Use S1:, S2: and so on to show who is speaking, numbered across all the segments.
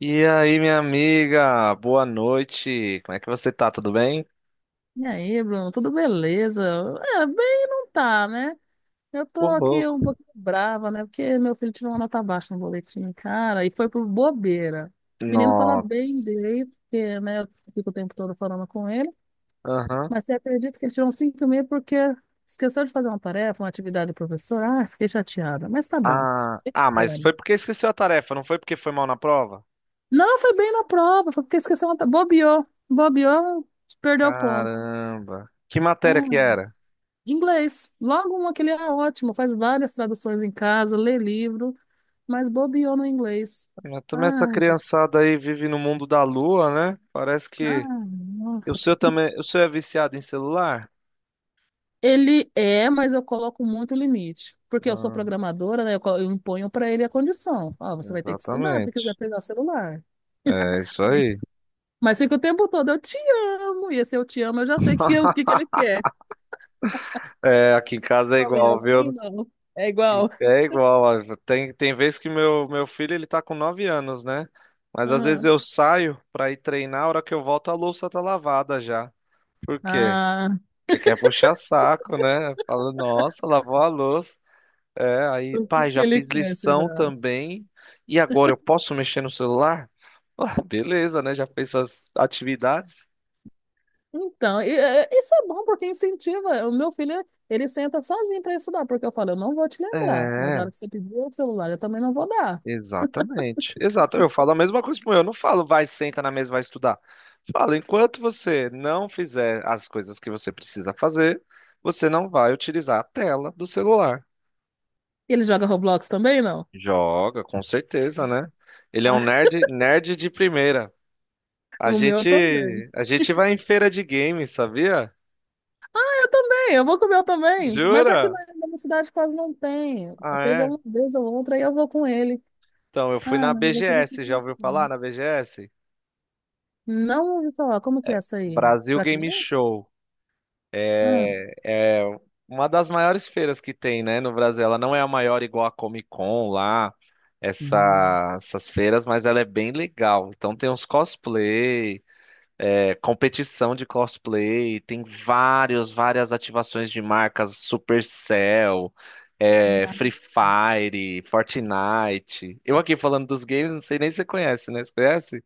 S1: E aí, minha amiga, boa noite. Como é que você tá? Tudo bem?
S2: E aí, Bruno, tudo beleza? É, bem não tá, né? Eu tô
S1: Ô,
S2: aqui
S1: louco.
S2: um pouquinho brava, né? Porque meu filho tirou uma nota baixa no boletim, cara, e foi por bobeira. O menino fala bem
S1: Nossa.
S2: dele, porque, né, eu fico o tempo todo falando com ele,
S1: Aham.
S2: mas você acredita que ele tirou um cinco e meio porque esqueceu de fazer uma tarefa, uma atividade do professor? Ah, fiquei chateada, mas tá bom.
S1: Ah,
S2: É.
S1: mas foi porque esqueceu a tarefa, não foi porque foi mal na prova?
S2: Não, foi bem na prova, foi porque esqueceu uma... bobeou, bobeou, perdeu o ponto.
S1: Caramba. Que matéria
S2: Ah.
S1: que era?
S2: Inglês. Logo uma que é ótimo, faz várias traduções em casa, lê livro, mas bobeou no inglês.
S1: Ah, também essa
S2: Ai,
S1: criançada aí vive no mundo da lua, né? Parece que
S2: ai,
S1: o
S2: nossa.
S1: seu também, o seu é viciado em celular?
S2: Ele é, mas eu coloco muito limite, porque eu sou
S1: Ah,
S2: programadora, né? Eu imponho para ele a condição. Ó, você vai ter que estudar se quiser
S1: exatamente.
S2: pegar o celular.
S1: É isso
S2: Ai.
S1: aí.
S2: Mas fica o tempo todo, eu te amo. E esse eu te amo, eu já sei que, é o que que ele quer.
S1: É, aqui em casa é
S2: Também é
S1: igual,
S2: assim,
S1: viu?
S2: não? É igual.
S1: É igual, ó, tem, tem vezes que meu filho ele tá com 9 anos, né? Mas às vezes
S2: Aham.
S1: eu saio pra ir treinar, a hora que eu volto a louça tá lavada já. Por quê?
S2: Ah,
S1: Porque quer puxar saco, né? Fala, nossa, lavou a louça. É, aí,
S2: o que
S1: pai,
S2: que
S1: já
S2: ele
S1: fiz
S2: quer,
S1: lição
S2: será?
S1: também. E agora eu posso mexer no celular? Ah, beleza, né? Já fez suas atividades?
S2: Então, isso é bom porque incentiva. O meu filho, ele senta sozinho para estudar, porque eu falo, eu não vou te lembrar, mas na hora
S1: É.
S2: que você pedir o celular, eu também não vou dar.
S1: Exatamente. Exato. Eu falo a mesma coisa pro meu. Eu não falo, vai, senta na mesa, vai estudar. Falo, enquanto você não fizer as coisas que você precisa fazer, você não vai utilizar a tela do celular.
S2: Ele joga Roblox também, não?
S1: Joga, com certeza, né? Ele é um nerd, nerd de primeira. A
S2: O meu
S1: gente,
S2: também.
S1: a gente vai em feira de games, sabia?
S2: Eu também, eu vou com o meu também. Mas aqui
S1: Jura?
S2: na minha cidade quase não tem.
S1: Ah,
S2: Teve
S1: é?
S2: uma vez ou outra, aí eu vou com ele.
S1: Então, eu fui
S2: Ah,
S1: na
S2: mas eu queria que eu
S1: BGS, já ouviu falar
S2: tivesse.
S1: na BGS?
S2: Não ouvi falar, como que é essa aí?
S1: Brasil
S2: Para
S1: Game
S2: criança?
S1: Show.
S2: Ah.
S1: É, é uma das maiores feiras que tem, né, no Brasil. Ela não é a maior igual a Comic Con lá,
S2: Hum.
S1: essas feiras, mas ela é bem legal. Então tem uns cosplay, é, competição de cosplay, tem vários, várias ativações de marcas, Supercell, é, Free Fire, Fortnite. Eu aqui falando dos games, não sei nem se você conhece, né? Você conhece?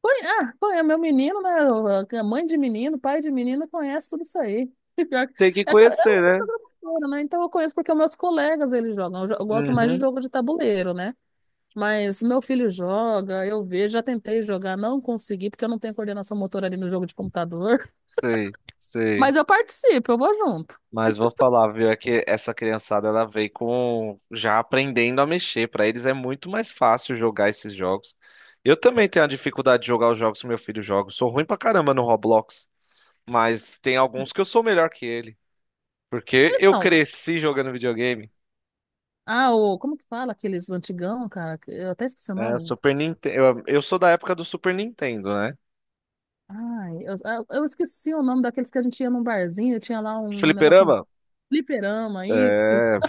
S2: Ah, é meu menino, né? A mãe de menino, pai de menino, conhece tudo isso aí. Pior.
S1: Tem que
S2: É que eu
S1: conhecer,
S2: sou
S1: né?
S2: programadora, né? Então eu conheço porque meus colegas eles jogam. Eu gosto mais de
S1: Uhum,
S2: jogo de tabuleiro, né? Mas meu filho joga, eu vejo, já tentei jogar, não consegui, porque eu não tenho coordenação motora ali no jogo de computador.
S1: sei, sei.
S2: Mas eu participo, eu vou junto.
S1: Mas vou falar, viu, é que essa criançada ela veio com já aprendendo a mexer. Pra eles é muito mais fácil jogar esses jogos. Eu também tenho a dificuldade de jogar os jogos que meu filho joga. Eu sou ruim pra caramba no Roblox, mas tem alguns que eu sou melhor que ele, porque eu
S2: Então,
S1: cresci jogando videogame.
S2: ah, como que fala aqueles antigão, cara? Eu até esqueci o
S1: É,
S2: nome.
S1: Super Nintendo, eu sou da época do Super Nintendo, né?
S2: Ai, eu, eu esqueci o nome daqueles que a gente ia num barzinho, tinha lá um negócio um
S1: Fliperama?
S2: fliperama, isso.
S1: É,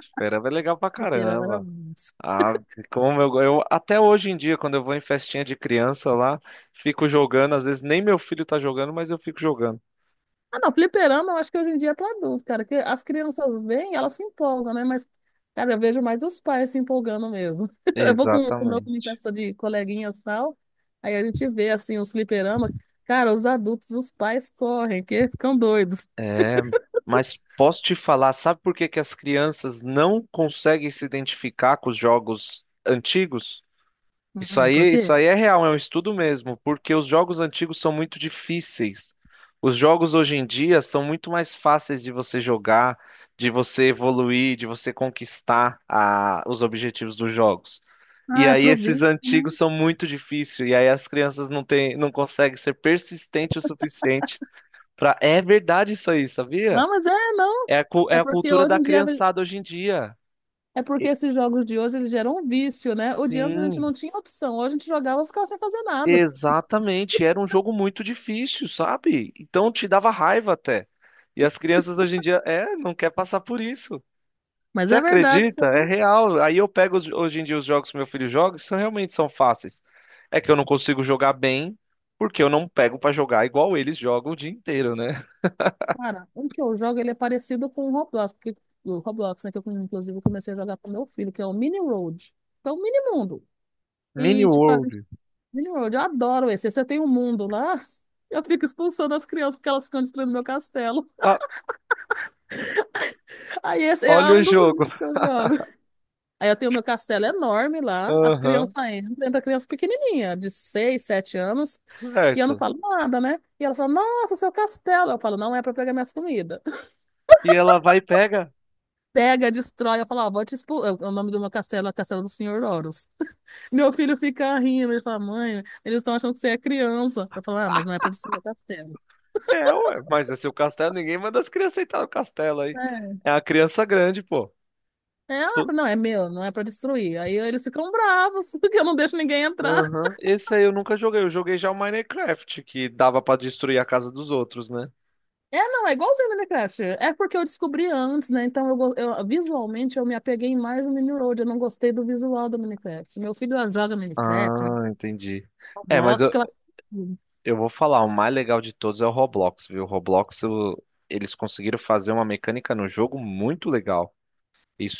S1: fliperama é legal pra
S2: Fliperama era
S1: caramba.
S2: isso.
S1: Ah, como eu até hoje em dia, quando eu vou em festinha de criança lá, fico jogando, às vezes nem meu filho tá jogando, mas eu fico jogando.
S2: Ah, não, fliperama eu acho que hoje em dia é para adulto, cara, que as crianças vêm, elas se empolgam, né? Mas, cara, eu vejo mais os pais se empolgando mesmo. Eu vou com o meu filho em
S1: Exatamente.
S2: festa de coleguinhas e tal, aí a gente vê, assim, os fliperama. Cara, os adultos, os pais correm, que ficam doidos.
S1: É, mas posso te falar, sabe por que que as crianças não conseguem se identificar com os jogos antigos?
S2: Por quê?
S1: Isso aí é real, é um estudo mesmo, porque os jogos antigos são muito difíceis. Os jogos hoje em dia são muito mais fáceis de você jogar, de você evoluir, de você conquistar os objetivos dos jogos. E
S2: Ah, é
S1: aí
S2: pro
S1: esses
S2: vício, né?
S1: antigos são muito difíceis, e aí as crianças não têm, não conseguem ser persistente o suficiente para. É verdade isso aí, sabia?
S2: Não, mas é, não.
S1: É a, é
S2: É
S1: a
S2: porque
S1: cultura
S2: hoje
S1: da
S2: em dia,
S1: criançada hoje em dia.
S2: é porque
S1: E-
S2: esses jogos de hoje, eles geram um vício, né? O de antes a gente não
S1: Sim.
S2: tinha opção, hoje a gente jogava e ficava sem fazer nada.
S1: Exatamente, era um jogo muito difícil, sabe? Então te dava raiva até. E as crianças hoje em dia, é, não quer passar por isso.
S2: Mas
S1: Você
S2: é verdade isso
S1: acredita? É
S2: aí,
S1: real. Aí eu pego hoje em dia os jogos que meu filho joga, que são realmente são fáceis. É que eu não consigo jogar bem, porque eu não pego pra jogar igual eles jogam o dia inteiro, né?
S2: cara. Um que eu jogo, ele é parecido com o Roblox, que, o Roblox, né? Que eu, inclusive, comecei a jogar com meu filho, que é o Mini Road. Que é o Mini Mundo.
S1: Mini
S2: E, tipo, a
S1: World.
S2: gente, Mini Road, eu adoro esse. Você tem um mundo lá, eu fico expulsando as crianças porque elas ficam destruindo meu castelo.
S1: Ah,
S2: Aí esse
S1: olha
S2: é
S1: o
S2: um dos
S1: jogo.
S2: únicos que eu jogo. Aí eu tenho meu castelo enorme lá, as crianças
S1: Aham.
S2: entram, entra criança pequenininha, de 6, 7 anos, e eu não
S1: Certo.
S2: falo nada, né? E elas falam, nossa, seu castelo. Eu falo, não é pra pegar minhas comidas.
S1: E ela vai e pega.
S2: Pega, destrói, eu falo, ó, vou te expulsar. O nome do meu castelo é Castelo do Senhor Horus. Meu filho fica rindo, ele fala, mãe, eles estão achando que você é criança. Eu falo, ah, mas não é pra destruir o castelo.
S1: É, ué, mas é seu castelo, ninguém manda as crianças entrar no castelo aí.
S2: É.
S1: É a criança grande, pô.
S2: É, ela fala, não, é meu, não é pra destruir. Aí eles ficam bravos, porque eu não deixo ninguém entrar.
S1: Aham. Esse aí eu nunca joguei. Eu joguei já o Minecraft, que dava pra destruir a casa dos outros, né?
S2: É, não, é igualzinho o Minecraft. É porque eu descobri antes, né? Então, visualmente, eu me apeguei mais no Mineral. Eu não gostei do visual do Minecraft. Meu filho ela joga Minecraft,
S1: Ah, entendi. É, mas
S2: Roblox, que ela...
S1: eu vou falar, o mais legal de todos é o Roblox, viu? O Roblox, eles conseguiram fazer uma mecânica no jogo muito legal.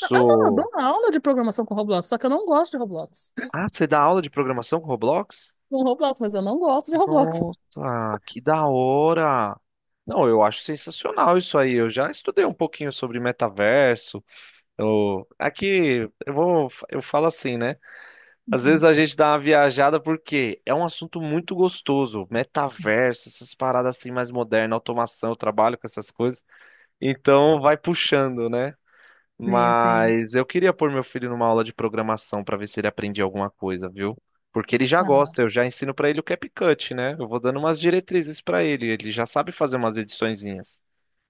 S2: Eu não, eu dou uma aula de programação com Roblox, só que eu não gosto de Roblox.
S1: Ah, você dá aula de programação com Roblox?
S2: Com Roblox, mas eu não gosto de Roblox.
S1: Nossa, que da hora! Não, eu acho sensacional isso aí. Eu já estudei um pouquinho sobre metaverso. Eu... aqui, eu vou, eu falo assim, né? Às vezes
S2: Uhum.
S1: a gente dá uma viajada porque é um assunto muito gostoso, metaverso, essas paradas assim mais modernas, automação, eu trabalho com essas coisas, então vai puxando, né?
S2: Sim, sim.
S1: Mas eu queria pôr meu filho numa aula de programação para ver se ele aprendia alguma coisa, viu? Porque ele já
S2: Cara,
S1: gosta, eu já ensino para ele o CapCut, né? Eu vou dando umas diretrizes para ele, ele já sabe fazer umas ediçõezinhas.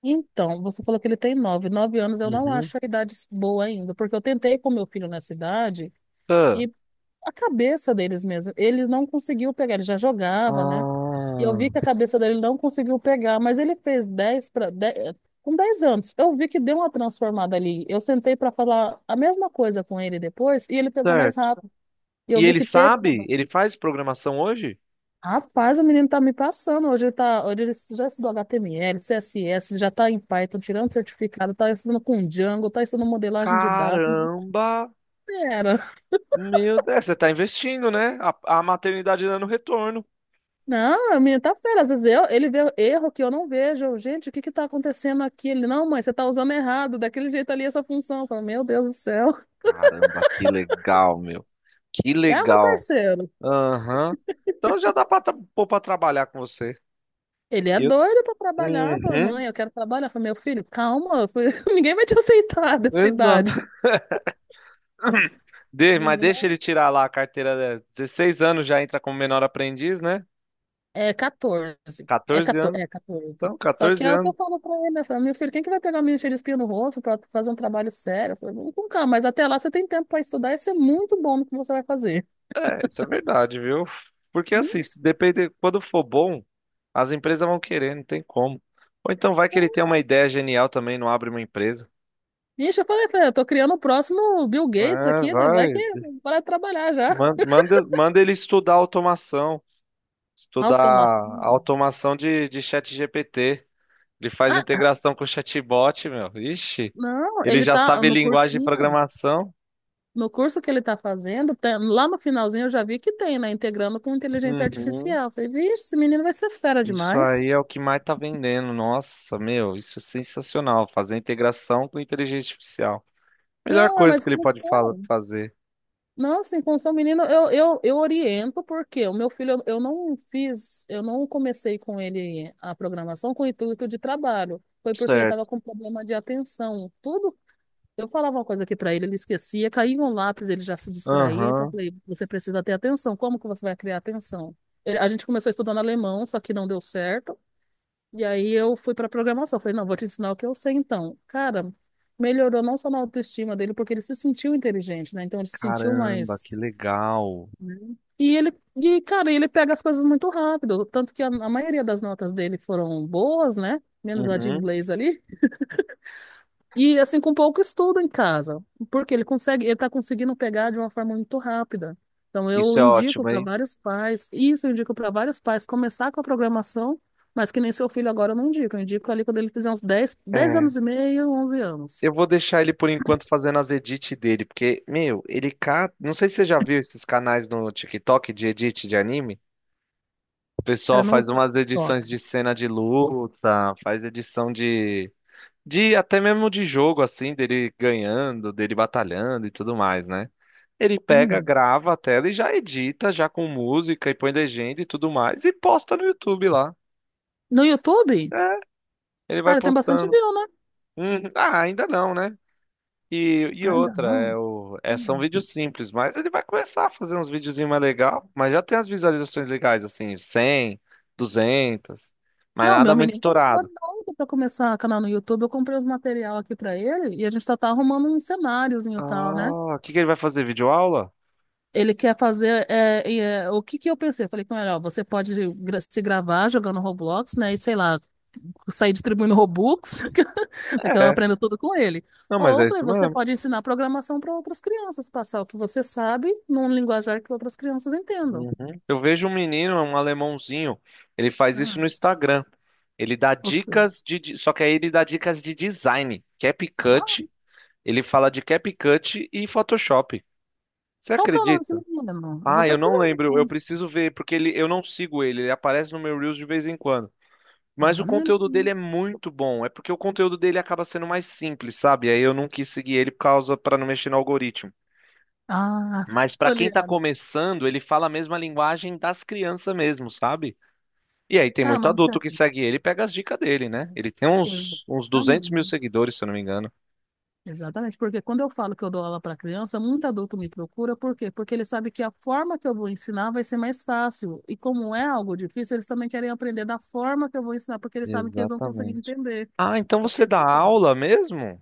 S2: então, você falou que ele tem nove. 9 anos eu não
S1: Uhum.
S2: acho a idade boa ainda, porque eu tentei com meu filho nessa idade
S1: Ah,
S2: e a cabeça deles mesmo, ele não conseguiu pegar, ele já jogava, né? E eu
S1: ah,
S2: vi que a cabeça dele não conseguiu pegar, mas ele fez 10 para com 10 anos. Eu vi que deu uma transformada ali. Eu sentei para falar a mesma coisa com ele depois e ele pegou mais
S1: certo.
S2: rápido. E
S1: E
S2: eu vi
S1: ele
S2: que teve
S1: sabe? Ele faz programação hoje?
S2: rapaz, o menino tá me passando. Hoje ele, tá, hoje ele já estudou HTML, CSS, já tá em Python, tirando certificado, tá estudando com Django, tá estudando modelagem de dados. O menino tá
S1: Caramba!
S2: fera.
S1: Meu Deus, é, você tá investindo, né? A maternidade dando retorno.
S2: Não, o menino tá fera. Às vezes eu, ele vê erro que eu não vejo. Eu, gente, o que que tá acontecendo aqui? Ele, não, mãe, você tá usando errado, daquele jeito ali essa função. Eu falo, meu Deus do céu.
S1: Caramba, que legal, meu. Que
S2: É o meu
S1: legal.
S2: parceiro.
S1: Aham. Então já dá pra, pôr pra trabalhar com você.
S2: Ele é
S1: Eu.
S2: doido pra trabalhar. Eu falo,
S1: Uhum,
S2: mãe, eu quero trabalhar. Eu falo, meu filho, calma. Eu falo, ninguém vai te aceitar dessa idade.
S1: exato. Mas
S2: Menino,
S1: deixa ele tirar lá a carteira dela. 16 anos já entra como menor aprendiz, né?
S2: é 14. É
S1: 14
S2: 14.
S1: anos.
S2: É 14.
S1: Então,
S2: Só que
S1: 14
S2: é o que eu
S1: anos.
S2: falo pra ele, né? Eu falo, meu filho, quem que vai pegar o menino cheio de espinha no rosto pra fazer um trabalho sério? Eu falei, vamos com calma, mas até lá você tem tempo pra estudar e ser muito bom no que você vai fazer.
S1: É, isso é verdade, viu? Porque
S2: Hum.
S1: assim, se depender, quando for bom, as empresas vão querer, não tem como. Ou então vai que ele tem uma ideia genial também, não abre uma empresa.
S2: Ixi, eu falei, falei, eu tô criando o próximo Bill Gates
S1: É,
S2: aqui, né? Vai que
S1: vai.
S2: para trabalhar já.
S1: Manda ele estudar automação, estudar
S2: Automação.
S1: a automação de ChatGPT. Ele faz
S2: Ah,
S1: integração com o chatbot, meu. Ixi,
S2: não,
S1: ele
S2: ele
S1: já
S2: tá
S1: sabe
S2: no
S1: linguagem de
S2: cursinho,
S1: programação.
S2: no curso que ele tá fazendo, lá no finalzinho eu já vi que tem, né? Integrando com inteligência
S1: Uhum.
S2: artificial. Eu falei, vixe, esse menino vai ser fera
S1: Isso
S2: demais.
S1: aí é o que mais tá vendendo. Nossa, meu, isso é sensacional. Fazer integração com inteligência artificial. Melhor
S2: Não, é
S1: coisa
S2: mas.
S1: que ele pode fazer.
S2: Não, sim, com o seu menino eu oriento porque o meu filho eu não fiz, eu não comecei com ele a programação com o intuito de trabalho. Foi porque ele estava
S1: Certo.
S2: com problema de atenção. Tudo, eu falava uma coisa aqui para ele, ele esquecia, caía um lápis, ele já se distraía. Então eu
S1: Aham.
S2: falei, você precisa ter atenção. Como que você vai criar atenção? A gente começou estudando alemão, só que não deu certo. E aí eu fui para programação. Falei, não, vou te ensinar o que eu sei então. Cara, melhorou não só na autoestima dele, porque ele se sentiu inteligente, né? Então ele se sentiu
S1: Caramba, que
S2: mais
S1: legal.
S2: e ele, e, cara, ele pega as coisas muito rápido, tanto que a maioria das notas dele foram boas, né? Menos a de
S1: Uhum.
S2: inglês ali. E assim, com pouco estudo em casa, porque ele consegue, ele tá conseguindo pegar de uma forma muito rápida. Então
S1: Isso
S2: eu
S1: é
S2: indico
S1: ótimo,
S2: para
S1: hein?
S2: vários pais, isso eu indico para vários pais começar com a programação, mas que nem seu filho agora eu não indico, eu indico ali quando ele fizer uns dez
S1: É.
S2: anos e meio, 11 anos.
S1: Eu vou deixar ele por enquanto fazendo as edits dele, porque, meu, ele ca... não sei se você já viu esses canais no TikTok de edit de anime. O pessoal
S2: Cara, não
S1: faz
S2: usa
S1: umas
S2: TikTok.
S1: edições de cena de luta, faz edição de. De até mesmo de jogo, assim, dele ganhando, dele batalhando e tudo mais, né? Ele pega,
S2: Hum.
S1: grava a tela e já edita, já com música e põe legenda e tudo mais, e posta no YouTube lá.
S2: No YouTube?
S1: É, ele vai
S2: Cara, tem bastante
S1: postando.
S2: view, né?
S1: Ah, ainda não, né? E
S2: Ainda
S1: outra, é
S2: não.
S1: o, é, são
S2: Hum.
S1: vídeos simples, mas ele vai começar a fazer uns videozinhos mais legal, mas já tem as visualizações legais, assim, 100, 200, mas
S2: Não, meu
S1: nada muito
S2: menino também tá
S1: estourado.
S2: doido pra começar canal no YouTube. Eu comprei os material aqui pra ele e a gente só tá arrumando um cenáriozinho e tal, né?
S1: Ah, o que que ele vai fazer? Videoaula?
S2: Ele quer fazer. O que que eu pensei? Eu falei com ele, ó, você pode gra- se gravar jogando Roblox, né? E sei lá, sair distribuindo Robux, é que eu
S1: É.
S2: aprendo tudo com ele.
S1: Não, mas
S2: Ou eu
S1: é
S2: falei,
S1: isso
S2: você
S1: mesmo.
S2: pode ensinar programação para outras crianças, passar o que você sabe num linguajar que outras crianças entendam.
S1: Uhum. Eu vejo um menino, um alemãozinho, ele faz isso
S2: Ah,
S1: no Instagram. Ele dá
S2: ok.
S1: dicas de, só que aí ele dá dicas de design,
S2: Ah,
S1: Capcut, ele fala de Capcut e Photoshop. Você
S2: qual que é o nome desse
S1: acredita?
S2: menino? Eu vou
S1: Ah, eu não
S2: pesquisar
S1: lembro, eu
S2: depois.
S1: preciso ver porque ele, eu não sigo ele, ele aparece no meu Reels de vez em quando.
S2: Ah,
S1: Mas o
S2: maneiro.
S1: conteúdo dele é muito bom, é porque o conteúdo dele acaba sendo mais simples, sabe? Aí eu não quis seguir ele por causa para não mexer no algoritmo.
S2: Ah,
S1: Mas para
S2: tô
S1: quem tá
S2: ligado.
S1: começando, ele fala a mesma linguagem das crianças mesmo, sabe? E aí tem
S2: Cara,
S1: muito
S2: mas
S1: adulto
S2: você.
S1: que segue ele e pega as dicas dele, né? Ele tem uns, uns 200 mil
S2: Exatamente.
S1: seguidores, se eu não me engano.
S2: Exatamente. Porque quando eu falo que eu dou aula para criança, muito adulto me procura. Por quê? Porque ele sabe que a forma que eu vou ensinar vai ser mais fácil. E como é algo difícil, eles também querem aprender da forma que eu vou ensinar, porque eles sabem que eles não conseguem
S1: Exatamente.
S2: entender.
S1: Ah, então
S2: Eu
S1: você
S2: falei,
S1: dá
S2: "Tá vendo?"
S1: aula mesmo?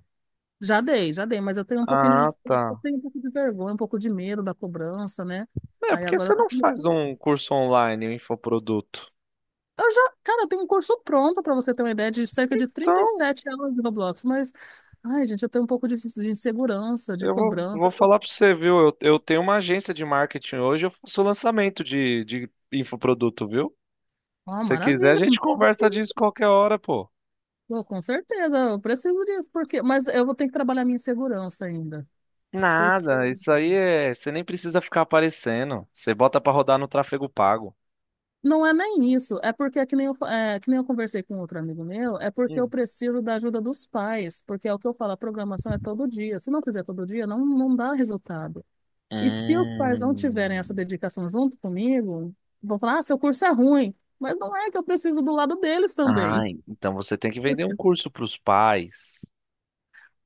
S2: Já dei, mas eu tenho um pouquinho de,
S1: Ah, tá.
S2: dificuldade, eu tenho um pouco de vergonha, um pouco de medo da cobrança, né?
S1: É, por
S2: Aí
S1: que
S2: agora
S1: você
S2: eu tô
S1: não
S2: com
S1: faz
S2: medo.
S1: um curso online, um infoproduto?
S2: Eu já, cara, eu tenho um curso pronto pra você ter uma ideia de cerca de trinta e
S1: Então,
S2: sete aulas de Roblox, mas ai, gente, eu tenho um pouco de insegurança, de
S1: eu vou
S2: cobrança.
S1: falar pra você, viu? Eu tenho uma agência de marketing hoje, eu faço lançamento de infoproduto, viu?
S2: Ah,
S1: Se você quiser, a
S2: maravilha, não
S1: gente
S2: passa mais que
S1: conversa disso
S2: isso.
S1: qualquer hora, pô.
S2: Pô, com certeza, eu preciso disso, porque, mas eu vou ter que trabalhar minha insegurança ainda. Porque
S1: Nada, isso aí é. Você nem precisa ficar aparecendo. Você bota pra rodar no tráfego pago.
S2: não é nem isso, é porque é que nem eu conversei com outro amigo meu, é porque eu preciso da ajuda dos pais, porque é o que eu falo, a programação é todo dia. Se não fizer todo dia, não, não dá resultado. E se os pais não tiverem essa
S1: Hum.
S2: dedicação junto comigo, vão falar: ah, seu curso é ruim. Mas não é que eu preciso do lado deles
S1: Ah,
S2: também.
S1: então você tem que vender um curso para os pais.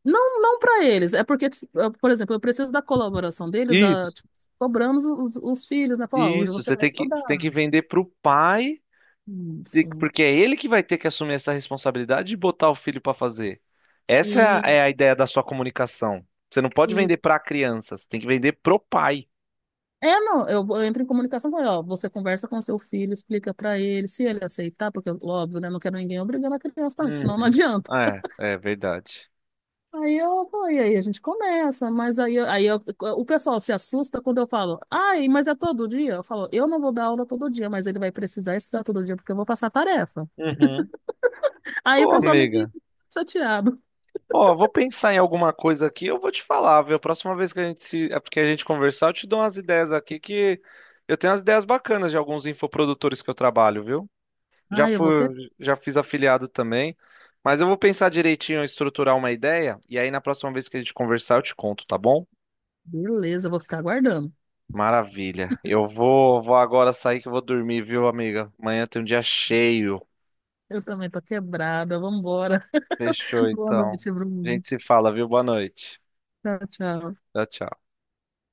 S2: Não, não para eles. É porque, tipo, eu, por exemplo, eu preciso da colaboração deles,
S1: Isso,
S2: da, tipo, cobramos os filhos, né? Falar, "Ó, hoje
S1: isso.
S2: você vai estudar.
S1: Você tem que vender para o pai,
S2: Isso.
S1: porque é ele que vai ter que assumir essa responsabilidade de botar o filho para fazer. Essa é
S2: E,
S1: é a ideia da sua comunicação. Você não pode
S2: e...
S1: vender para a criança, você tem que vender pro pai.
S2: É, não, eu entro em comunicação com ele, ó, você conversa com seu filho, explica para ele, se ele aceitar, porque, óbvio, né, não quero ninguém obrigando a criança também, que senão não
S1: Uhum.
S2: adianta.
S1: É, é verdade.
S2: Aí eu, pô, e aí a gente começa, mas aí, o pessoal se assusta quando eu falo, ai, mas é todo dia? Eu falo, eu não vou dar aula todo dia, mas ele vai precisar estudar todo dia porque eu vou passar tarefa.
S1: Uhum.
S2: Aí o
S1: Ô,
S2: pessoal meio que
S1: amiga.
S2: fica chateado.
S1: Ó, vou pensar em alguma coisa aqui, eu vou te falar, viu? A próxima vez que a gente se, é porque a gente conversar, eu te dou umas ideias aqui que eu tenho umas ideias bacanas de alguns infoprodutores que eu trabalho, viu? Já
S2: Ai, eu vou que...
S1: fui, já fiz afiliado também, mas eu vou pensar direitinho, estruturar uma ideia e aí na próxima vez que a gente conversar, eu te conto, tá bom?
S2: Beleza, eu vou ficar aguardando.
S1: Maravilha. Eu vou agora sair que eu vou dormir, viu, amiga? Amanhã tem um dia cheio.
S2: Eu também tô quebrada, vambora.
S1: Fechou,
S2: Boa
S1: então.
S2: noite,
S1: A
S2: Bruno.
S1: gente se fala, viu? Boa noite.
S2: Tchau, tchau.
S1: Tchau, tchau.